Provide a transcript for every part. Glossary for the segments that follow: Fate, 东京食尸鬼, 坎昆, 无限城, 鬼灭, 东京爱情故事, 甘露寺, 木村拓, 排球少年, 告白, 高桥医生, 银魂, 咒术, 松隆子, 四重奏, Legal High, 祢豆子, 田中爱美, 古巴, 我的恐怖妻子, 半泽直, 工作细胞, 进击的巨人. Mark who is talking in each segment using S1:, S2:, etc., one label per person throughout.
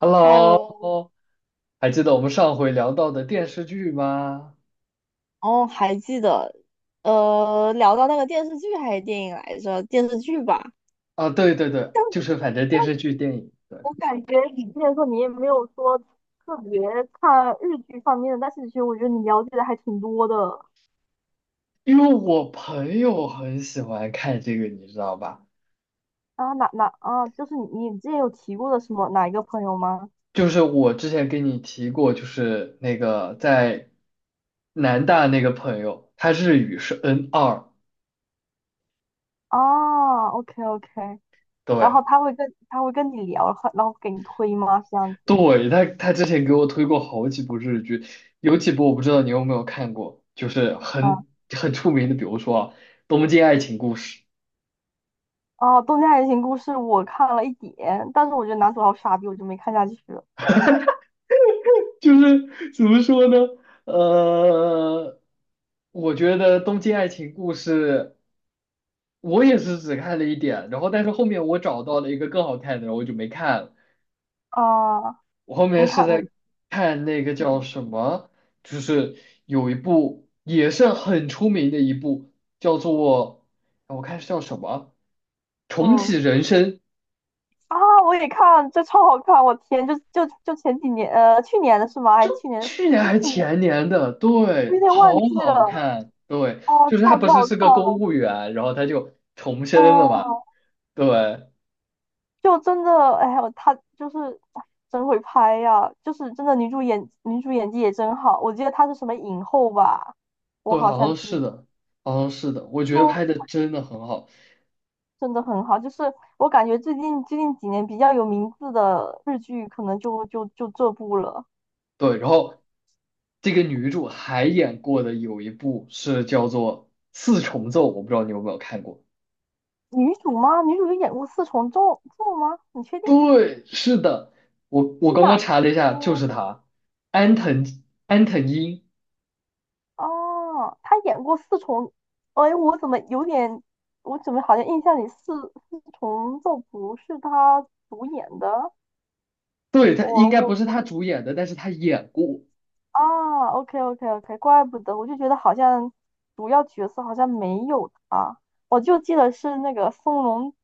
S1: Hello，
S2: Hello。
S1: 还记得我们上回聊到的电视剧吗？
S2: 哦，还记得。聊到那个电视剧还是电影来着？电视剧吧。
S1: 啊，对对对，
S2: 但
S1: 就
S2: 是
S1: 是反正电视剧、电影，对，
S2: 我感觉你之前说你也没有说特别看日剧方面的，但是其实我觉得你了解的还挺多的
S1: 因为我朋友很喜欢看这个，你知道吧？
S2: 啊。哪啊，就是你之前有提过的什么哪一个朋友吗？
S1: 就是我之前跟你提过，就是那个在南大那个朋友，他日语是 N2，
S2: 啊，OK OK。然
S1: 对
S2: 后他会跟你聊，然后给你推吗？这样子。
S1: 对，他之前给我推过好几部日剧，有几部我不知道你有没有看过，就是
S2: 嗯。
S1: 很出名的，比如说啊东京爱情故事》。
S2: 哦、啊，《东京爱情故事》我看了一点，但是我觉得男主好傻逼，我就没看下去了。
S1: 就是怎么说呢？呃，我觉得《东京爱情故事》，我也是只看了一点，然后但是后面我找到了一个更好看的，然后我就没看了
S2: 啊，
S1: 我后面
S2: 你
S1: 是
S2: 看。
S1: 在
S2: 嗯
S1: 看那个叫
S2: 嗯
S1: 什么，就是有一部也是很出名的一部，叫做我看是叫什么《重
S2: 嗯。
S1: 启人生》，
S2: 啊，我也看，这超好看！我天，就前几年，去年的是吗？
S1: 就
S2: 还去年
S1: 去年
S2: 是
S1: 还
S2: 去年，
S1: 前年的，
S2: 我
S1: 对，
S2: 有点
S1: 好
S2: 忘记
S1: 好
S2: 了。
S1: 看，对，
S2: 哦，
S1: 就是他
S2: 超
S1: 不
S2: 级
S1: 是
S2: 好
S1: 是
S2: 看
S1: 个公
S2: 了。
S1: 务员，然后他就重生了嘛，
S2: 嗯、
S1: 对，
S2: 就真的，哎呀，他就是哎，真会拍呀、就是真的女主演技也真好。我记得她是什么影后吧，我
S1: 对，
S2: 好
S1: 好
S2: 像
S1: 像
S2: 记
S1: 是
S2: 得。
S1: 的，好像是的，我觉得
S2: 就
S1: 拍的真的很好，
S2: 真的很好。就是我感觉最近几年比较有名字的日剧，可能就这部了。
S1: 对，然后这个女主还演过的有一部是叫做《四重奏》，我不知道你有没有看过，
S2: 女主吗？女主有演过《四重奏》？奏吗？你确定
S1: 对，是的，我
S2: 是
S1: 刚
S2: 哪？
S1: 刚查了一下，就
S2: 嗯。
S1: 是他，安藤安藤樱，
S2: 哦，她演过《四重》。哎，我怎么有点，我怎么好像印象里《四重奏》不是她主演的？
S1: 对，他
S2: 我
S1: 应该
S2: 我
S1: 不是他
S2: 我
S1: 主演的，但是他演过。
S2: 啊，OK OK OK，怪不得，我就觉得好像主要角色好像没有她，我就记得是那个松隆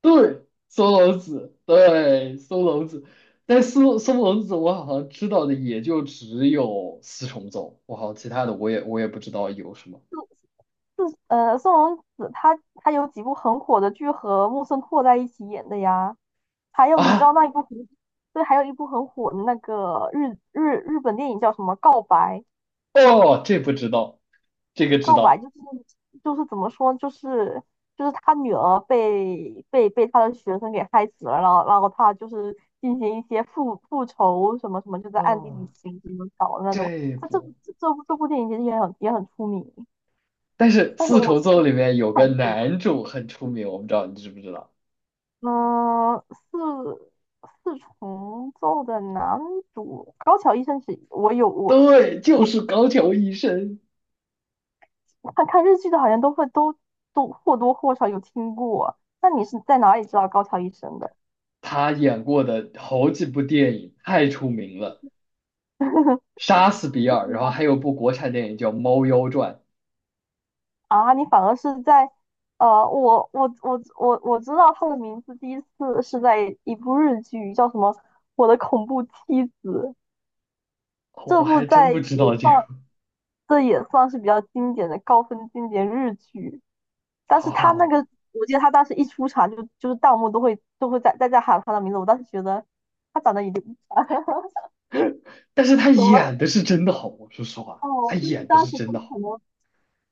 S1: 对，松隆子，对，松隆子，但松隆子我好像知道的也就只有四重奏，我好像其他的我也不知道有什么
S2: 子。松隆子她有几部很火的剧和木村拓在一起演的呀。还有你知
S1: 啊，
S2: 道那一部很，对，还有一部很火的那个日本电影叫什么？《告白》？
S1: 哦，这不知道，这个知
S2: 告白就
S1: 道，
S2: 是就是怎么说，就是他女儿被他的学生给害死了，然后他就是进行一些复仇什么什么，就在暗地里
S1: 哦，
S2: 行什么搞的那种。
S1: 这
S2: 他这部
S1: 不，
S2: 这部这部电影其实也很出名。
S1: 但是
S2: 但是
S1: 四
S2: 我
S1: 重
S2: 其实
S1: 奏里
S2: 也
S1: 面有个男主很出名，我不知道你知不知道？
S2: 嗯四四重奏的男主高桥医生是，我
S1: 对，就是高桥医生，
S2: 看看日剧的，好像都会都或多或少有听过。那你是在哪里知道高桥医生的？
S1: 他演过的好几部电影太出名了，《杀死比尔》，然后还有部国产电影叫《猫妖传》。
S2: 啊，你反而是在，我知道他的名字，第一次是在一部日剧，叫什么《我的恐怖妻子》。
S1: 哦
S2: 这
S1: 我
S2: 部
S1: 还真
S2: 在
S1: 不
S2: 也
S1: 知道这个
S2: 算这也算是比较经典的高分经典日剧。但是他那
S1: 哦，
S2: 个，我记得他当时一出场就是弹幕都会在喊他的名字。我当时觉得他长得有点
S1: 但是他
S2: 怎么？
S1: 演的是真的好，我说实话，他
S2: 哦，就是
S1: 演的
S2: 当
S1: 是
S2: 时
S1: 真
S2: 不
S1: 的
S2: 可
S1: 好。
S2: 能，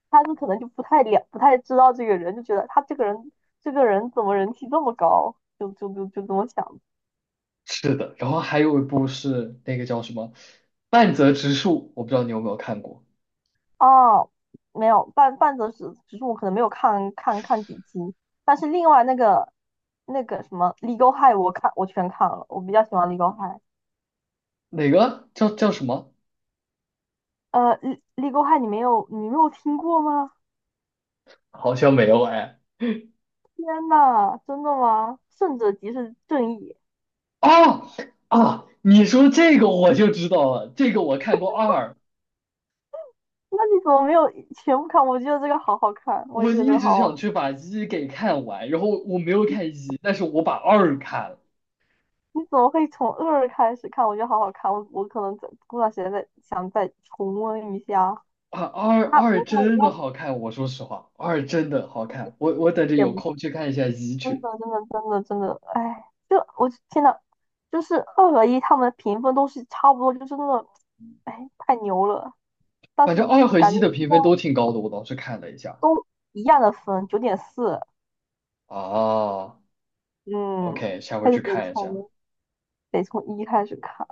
S2: 他们可能就不太了，不太知道这个人，就觉得他这个人，怎么人气这么高，就这么想的。
S1: 是的，然后还有一部是那个叫什么《半泽直树》，我不知道你有没有看过，
S2: 哦，没有。半泽直只是我可能没有看看几集。但是另外那个什么《Legal High》，我全看了，我比较喜欢《Legal High》。
S1: 哪个叫叫什么？
S2: Legal High》你没有听过吗？
S1: 好像没有哎。
S2: 天呐，真的吗？胜者即是正义。
S1: 啊啊！你说这个我就知道了，这个我看过二，
S2: 那你怎么没有全部看？我觉得这个好好看，我也
S1: 我
S2: 觉得这
S1: 一
S2: 个
S1: 直
S2: 好
S1: 想
S2: 好。
S1: 去把一给看完，然后我没有看一，但是我把二看了。
S2: 你怎么会从二开始看？我觉得好好看，我可能在过段时间再想再重温一下。
S1: 啊，二二
S2: 我看我
S1: 真的
S2: 那
S1: 好看，我说实话，二真的好
S2: 不是，
S1: 看，我等着
S2: 也
S1: 有
S2: 不是，
S1: 空去看一下一
S2: 真
S1: 去。
S2: 的，真的，真的，真的，哎，就我天呐，就是二和一他们的评分都是差不多，就是那种，哎，太牛了。但
S1: 反
S2: 是
S1: 正二和
S2: 感
S1: 一
S2: 觉就
S1: 的评
S2: 像
S1: 分都挺高的，我当时看了一下。
S2: 都一样的分，9.4。
S1: 啊，OK，
S2: 嗯，
S1: 下回
S2: 还是
S1: 去
S2: 得
S1: 看一下。
S2: 从得从一开始看。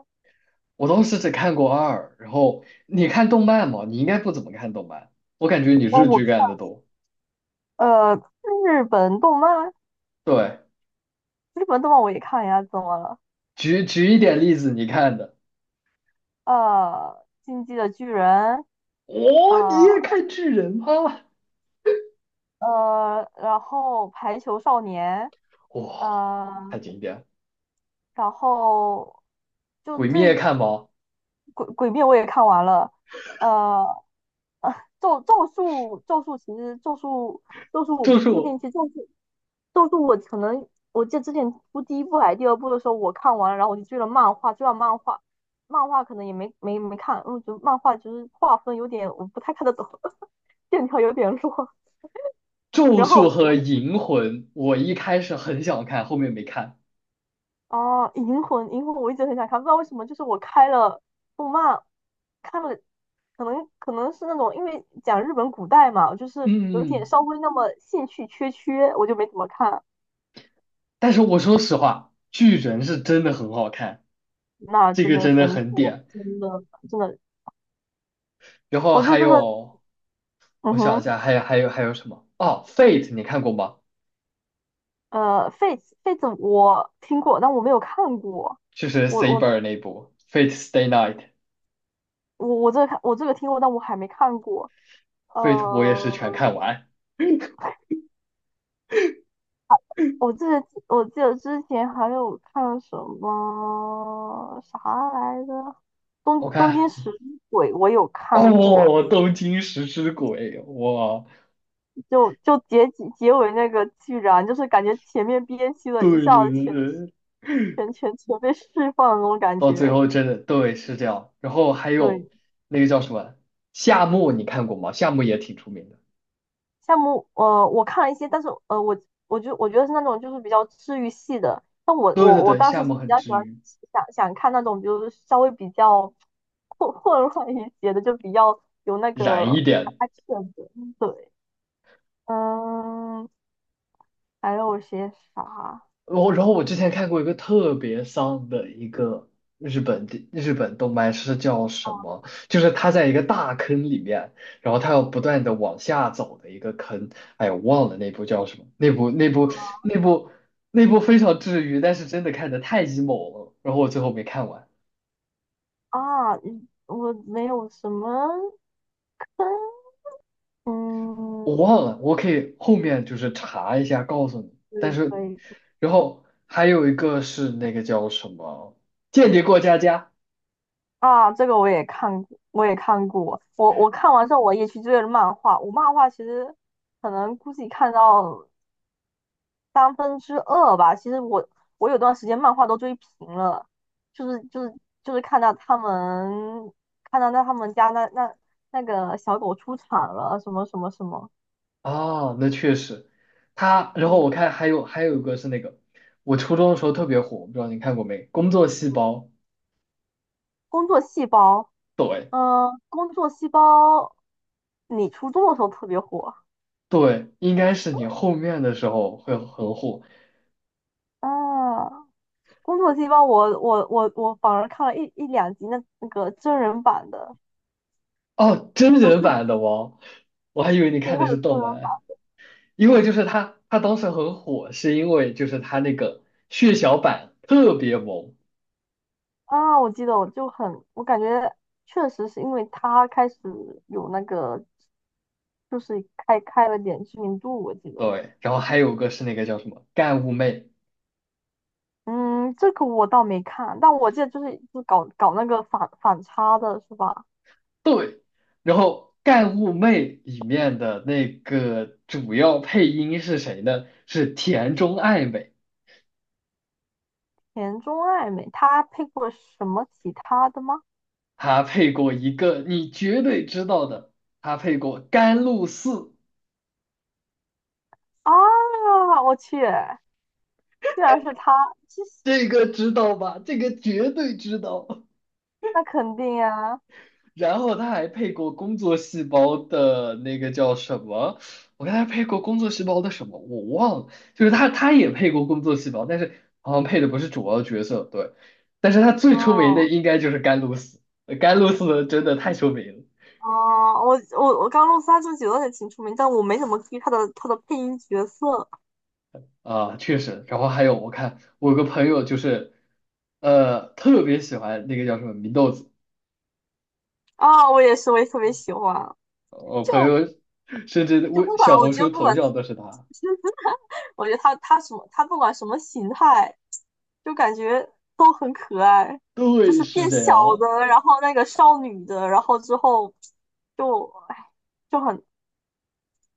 S1: 我当时只看过二，然后你看动漫吗？你应该不怎么看动漫，我感觉你
S2: 哦，
S1: 日
S2: 我
S1: 剧看的
S2: 看
S1: 多。
S2: 呃日本动漫，
S1: 对，
S2: 日本动漫我也看呀，怎么了？
S1: 举举一点例子，你看的。
S2: 进击的巨人。
S1: 哇，你
S2: 呃
S1: 也看巨人吗？
S2: 然后排球少年。
S1: 哇，
S2: 呃，
S1: 太经典了
S2: 然后就
S1: 鬼灭
S2: 最
S1: 看吗？
S2: 鬼灭我也看完了。呃，呃咒术其实咒术我
S1: 就
S2: 不
S1: 是
S2: 确
S1: 我
S2: 定，其实咒术我可能我记得之前出第一部还是第二部的时候我看完了，然后我就追了漫画，追了漫画。漫画可能也没看，因为我觉得漫画就是画风有点我不太看得懂，线条有点弱。
S1: 咒
S2: 然
S1: 术
S2: 后
S1: 和银魂，我一开始很想看，后面没看。
S2: 哦，《银魂》，银魂我一直很想看，不知道为什么，就是我开了动漫，看了，可能是那种因为讲日本古代嘛，就是
S1: 嗯，
S2: 有
S1: 嗯
S2: 点
S1: 嗯
S2: 稍微那么兴趣缺缺，我就没怎么看。
S1: 但是我说实话，巨人是真的很好看，
S2: 那
S1: 这
S2: 真
S1: 个
S2: 的
S1: 真的
S2: 神
S1: 很
S2: 作，
S1: 点。
S2: 真的真的。
S1: 然后
S2: 我就
S1: 还
S2: 真的，
S1: 有，
S2: 嗯
S1: 我想一
S2: 哼。
S1: 下，还有什么？哦，Fate 你看过吗？
S2: Fate 我听过，但我没有看过。
S1: 就是
S2: 我我
S1: Saber 那部 Fate Stay Night，Fate
S2: 我这个看我这个听过，但我还没看过。
S1: 我也是全
S2: 呃，
S1: 看完。
S2: 我记得之前还有看什么啥来着，
S1: 我
S2: 东京
S1: 看，
S2: 食尸鬼我有看过。
S1: 哦，东京食尸鬼，哇，
S2: 就结局那个居然就是感觉前面憋屈了一
S1: 对
S2: 下
S1: 对
S2: 子
S1: 对
S2: 全
S1: 对。
S2: 全全全被释放的那种感
S1: 到最
S2: 觉。
S1: 后真的对是这样。然后还有
S2: 对。
S1: 那个叫什么夏目，你看过吗？夏目也挺出名的。
S2: 项目，我看了一些。但是呃，我觉得是那种就是比较治愈系的。但我
S1: 对对对，
S2: 当
S1: 夏
S2: 时是
S1: 目
S2: 比
S1: 很
S2: 较喜
S1: 治
S2: 欢
S1: 愈，
S2: 想想看那种，就是稍微比较混乱一些的，就比较有那
S1: 燃一
S2: 个
S1: 点。
S2: action 的。对。嗯。还有些啥？
S1: 然后我之前看过一个特别丧的一个日本动漫是叫什
S2: 哦，
S1: 么？就是他在一个大坑里面，然后他要不断的往下走的一个坑。哎呀，我忘了那部叫什么？那部那部非常治愈，但是真的看的太 emo 了，然后我最后没看完。
S2: 啊，嗯，我没有什么。
S1: 我忘
S2: 嗯。
S1: 了，我可以后面就是查一下告诉你。
S2: 可
S1: 但
S2: 以
S1: 是，
S2: 可以。
S1: 然后还有一个是那个叫什么《间谍过家家》
S2: 啊，这个我也看过，我也看过。我我看完之后，我也去追了漫画。我漫画其实可能估计看到2/3吧。其实我有段时间漫画都追平了。就是就是就是看到他们，看到他们家那个小狗出场了，什么什么什么。
S1: 啊，那确实，他。然后
S2: 嗯，
S1: 我看还有一个是那个，我初中的时候特别火，我不知道你看过没，《工作细胞》。
S2: 工作细胞。
S1: 对
S2: 嗯、工作细胞。你初中的时候特别火。
S1: 对，应该是你后面的时候会很火
S2: 啊。工作细胞我反而看了一两集那真人版的。
S1: 哦，真
S2: 就
S1: 人
S2: 看
S1: 版的哦，我还以为你
S2: 对，
S1: 看的
S2: 他
S1: 是
S2: 有真
S1: 动
S2: 人版。
S1: 漫。因为就是他当时很火，是因为就是他那个血小板特别萌，
S2: 啊，我记得我就很，我感觉确实是因为他开始有那个，就是开开了点知名度，我记得。
S1: 对，然后还有个是那个叫什么干物妹，
S2: 嗯，这个我倒没看，但我记得就是就搞那个反差的是吧？
S1: 对，然后干物妹里面的那个主要配音是谁呢？是田中爱美，
S2: 田中爱美他配过什么其他的吗？
S1: 她配过一个你绝对知道的，她配过甘露寺，
S2: 啊，我去，竟然是她。这，
S1: 这个知道吧？这个绝对知道。
S2: 那肯定啊。
S1: 然后他还配过工作细胞的那个叫什么？我看他配过工作细胞的什么，我忘了。就是他也配过工作细胞，但是好像配的不是主要角色，对。但是他最出名的
S2: 哦。
S1: 应该就是甘露寺，甘露寺真的太出名
S2: 哦，我刚入三这九也挺出名，但我没怎么注意他的他的配音角色。
S1: 了啊，确实。然后还有我看我有个朋友就是，特别喜欢那个叫什么祢豆子，
S2: 啊、我也是，我也特别喜欢。
S1: 我朋
S2: 就
S1: 友甚至
S2: 就
S1: 微
S2: 不管，
S1: 小
S2: 我
S1: 红
S2: 觉得
S1: 书
S2: 不
S1: 头
S2: 管，
S1: 像都是他。
S2: 我觉得他不管什么形态，就感觉都很可爱，就
S1: 对，
S2: 是
S1: 是
S2: 变
S1: 这
S2: 小
S1: 样，
S2: 的，然后那个少女的，然后之后就，哎，就很，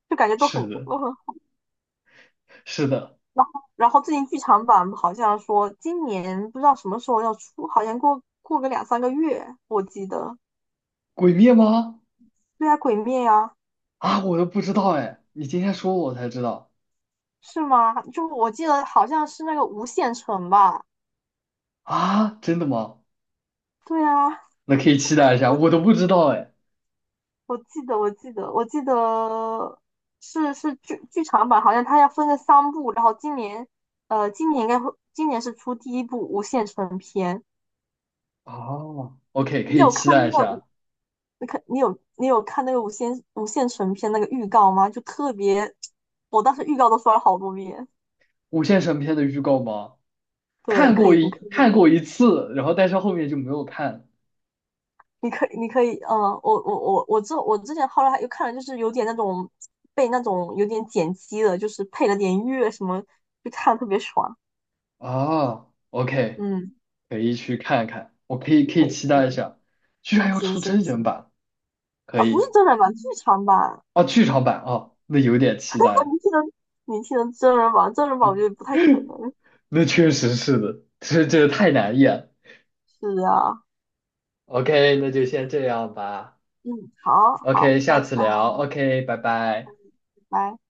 S2: 就感觉都很，
S1: 是的。是的，
S2: 然后最近剧场版好像说今年不知道什么时候要出，好像过个两三个月，我记得。
S1: 鬼灭吗？
S2: 对啊，鬼灭呀。
S1: 啊，我都不知道哎，你今天说我才知道
S2: 是吗？就我记得好像是那个无限城吧？
S1: 啊，真的吗？
S2: 对啊。
S1: 那可以期待一下，我都不知道哎。
S2: 我记得，我记得，我记得是剧场版，好像它要分个三部，然后今年，今年应该会，今年是出第一部无限城篇。
S1: 哦，OK，可
S2: 你
S1: 以
S2: 有看
S1: 期待
S2: 那
S1: 一
S2: 个无？
S1: 下
S2: 你有看那个无限城篇那个预告吗？就特别，我当时预告都刷了好多遍。
S1: 《无限神篇》的预告吗？
S2: 对，
S1: 看
S2: 可
S1: 过
S2: 以，你
S1: 一
S2: 可以。
S1: 看过一次，然后但是后面就没有看
S2: 你可以，你可以。嗯，我之前后来还又看了，就是有点那种被那种有点剪辑的，就是配了点乐什么，就看得特别爽。
S1: 啊。OK，
S2: 嗯，
S1: 可以去看看，我可以
S2: 可以
S1: 期
S2: 可
S1: 待一
S2: 以。
S1: 下，居然要
S2: 行
S1: 出真
S2: 行
S1: 人
S2: 行。
S1: 版，可
S2: 啊，不是
S1: 以
S2: 真人版，剧场版。
S1: 啊，剧场版啊，那有点期 待
S2: 你听的你听的真人版，真人版我觉得不太可能。
S1: 那确实是的，这太难演。
S2: 是啊。
S1: OK，那就先这样吧。
S2: 嗯。好好，
S1: OK，
S2: 拜
S1: 下次
S2: 拜
S1: 聊。OK，拜拜。
S2: 拜。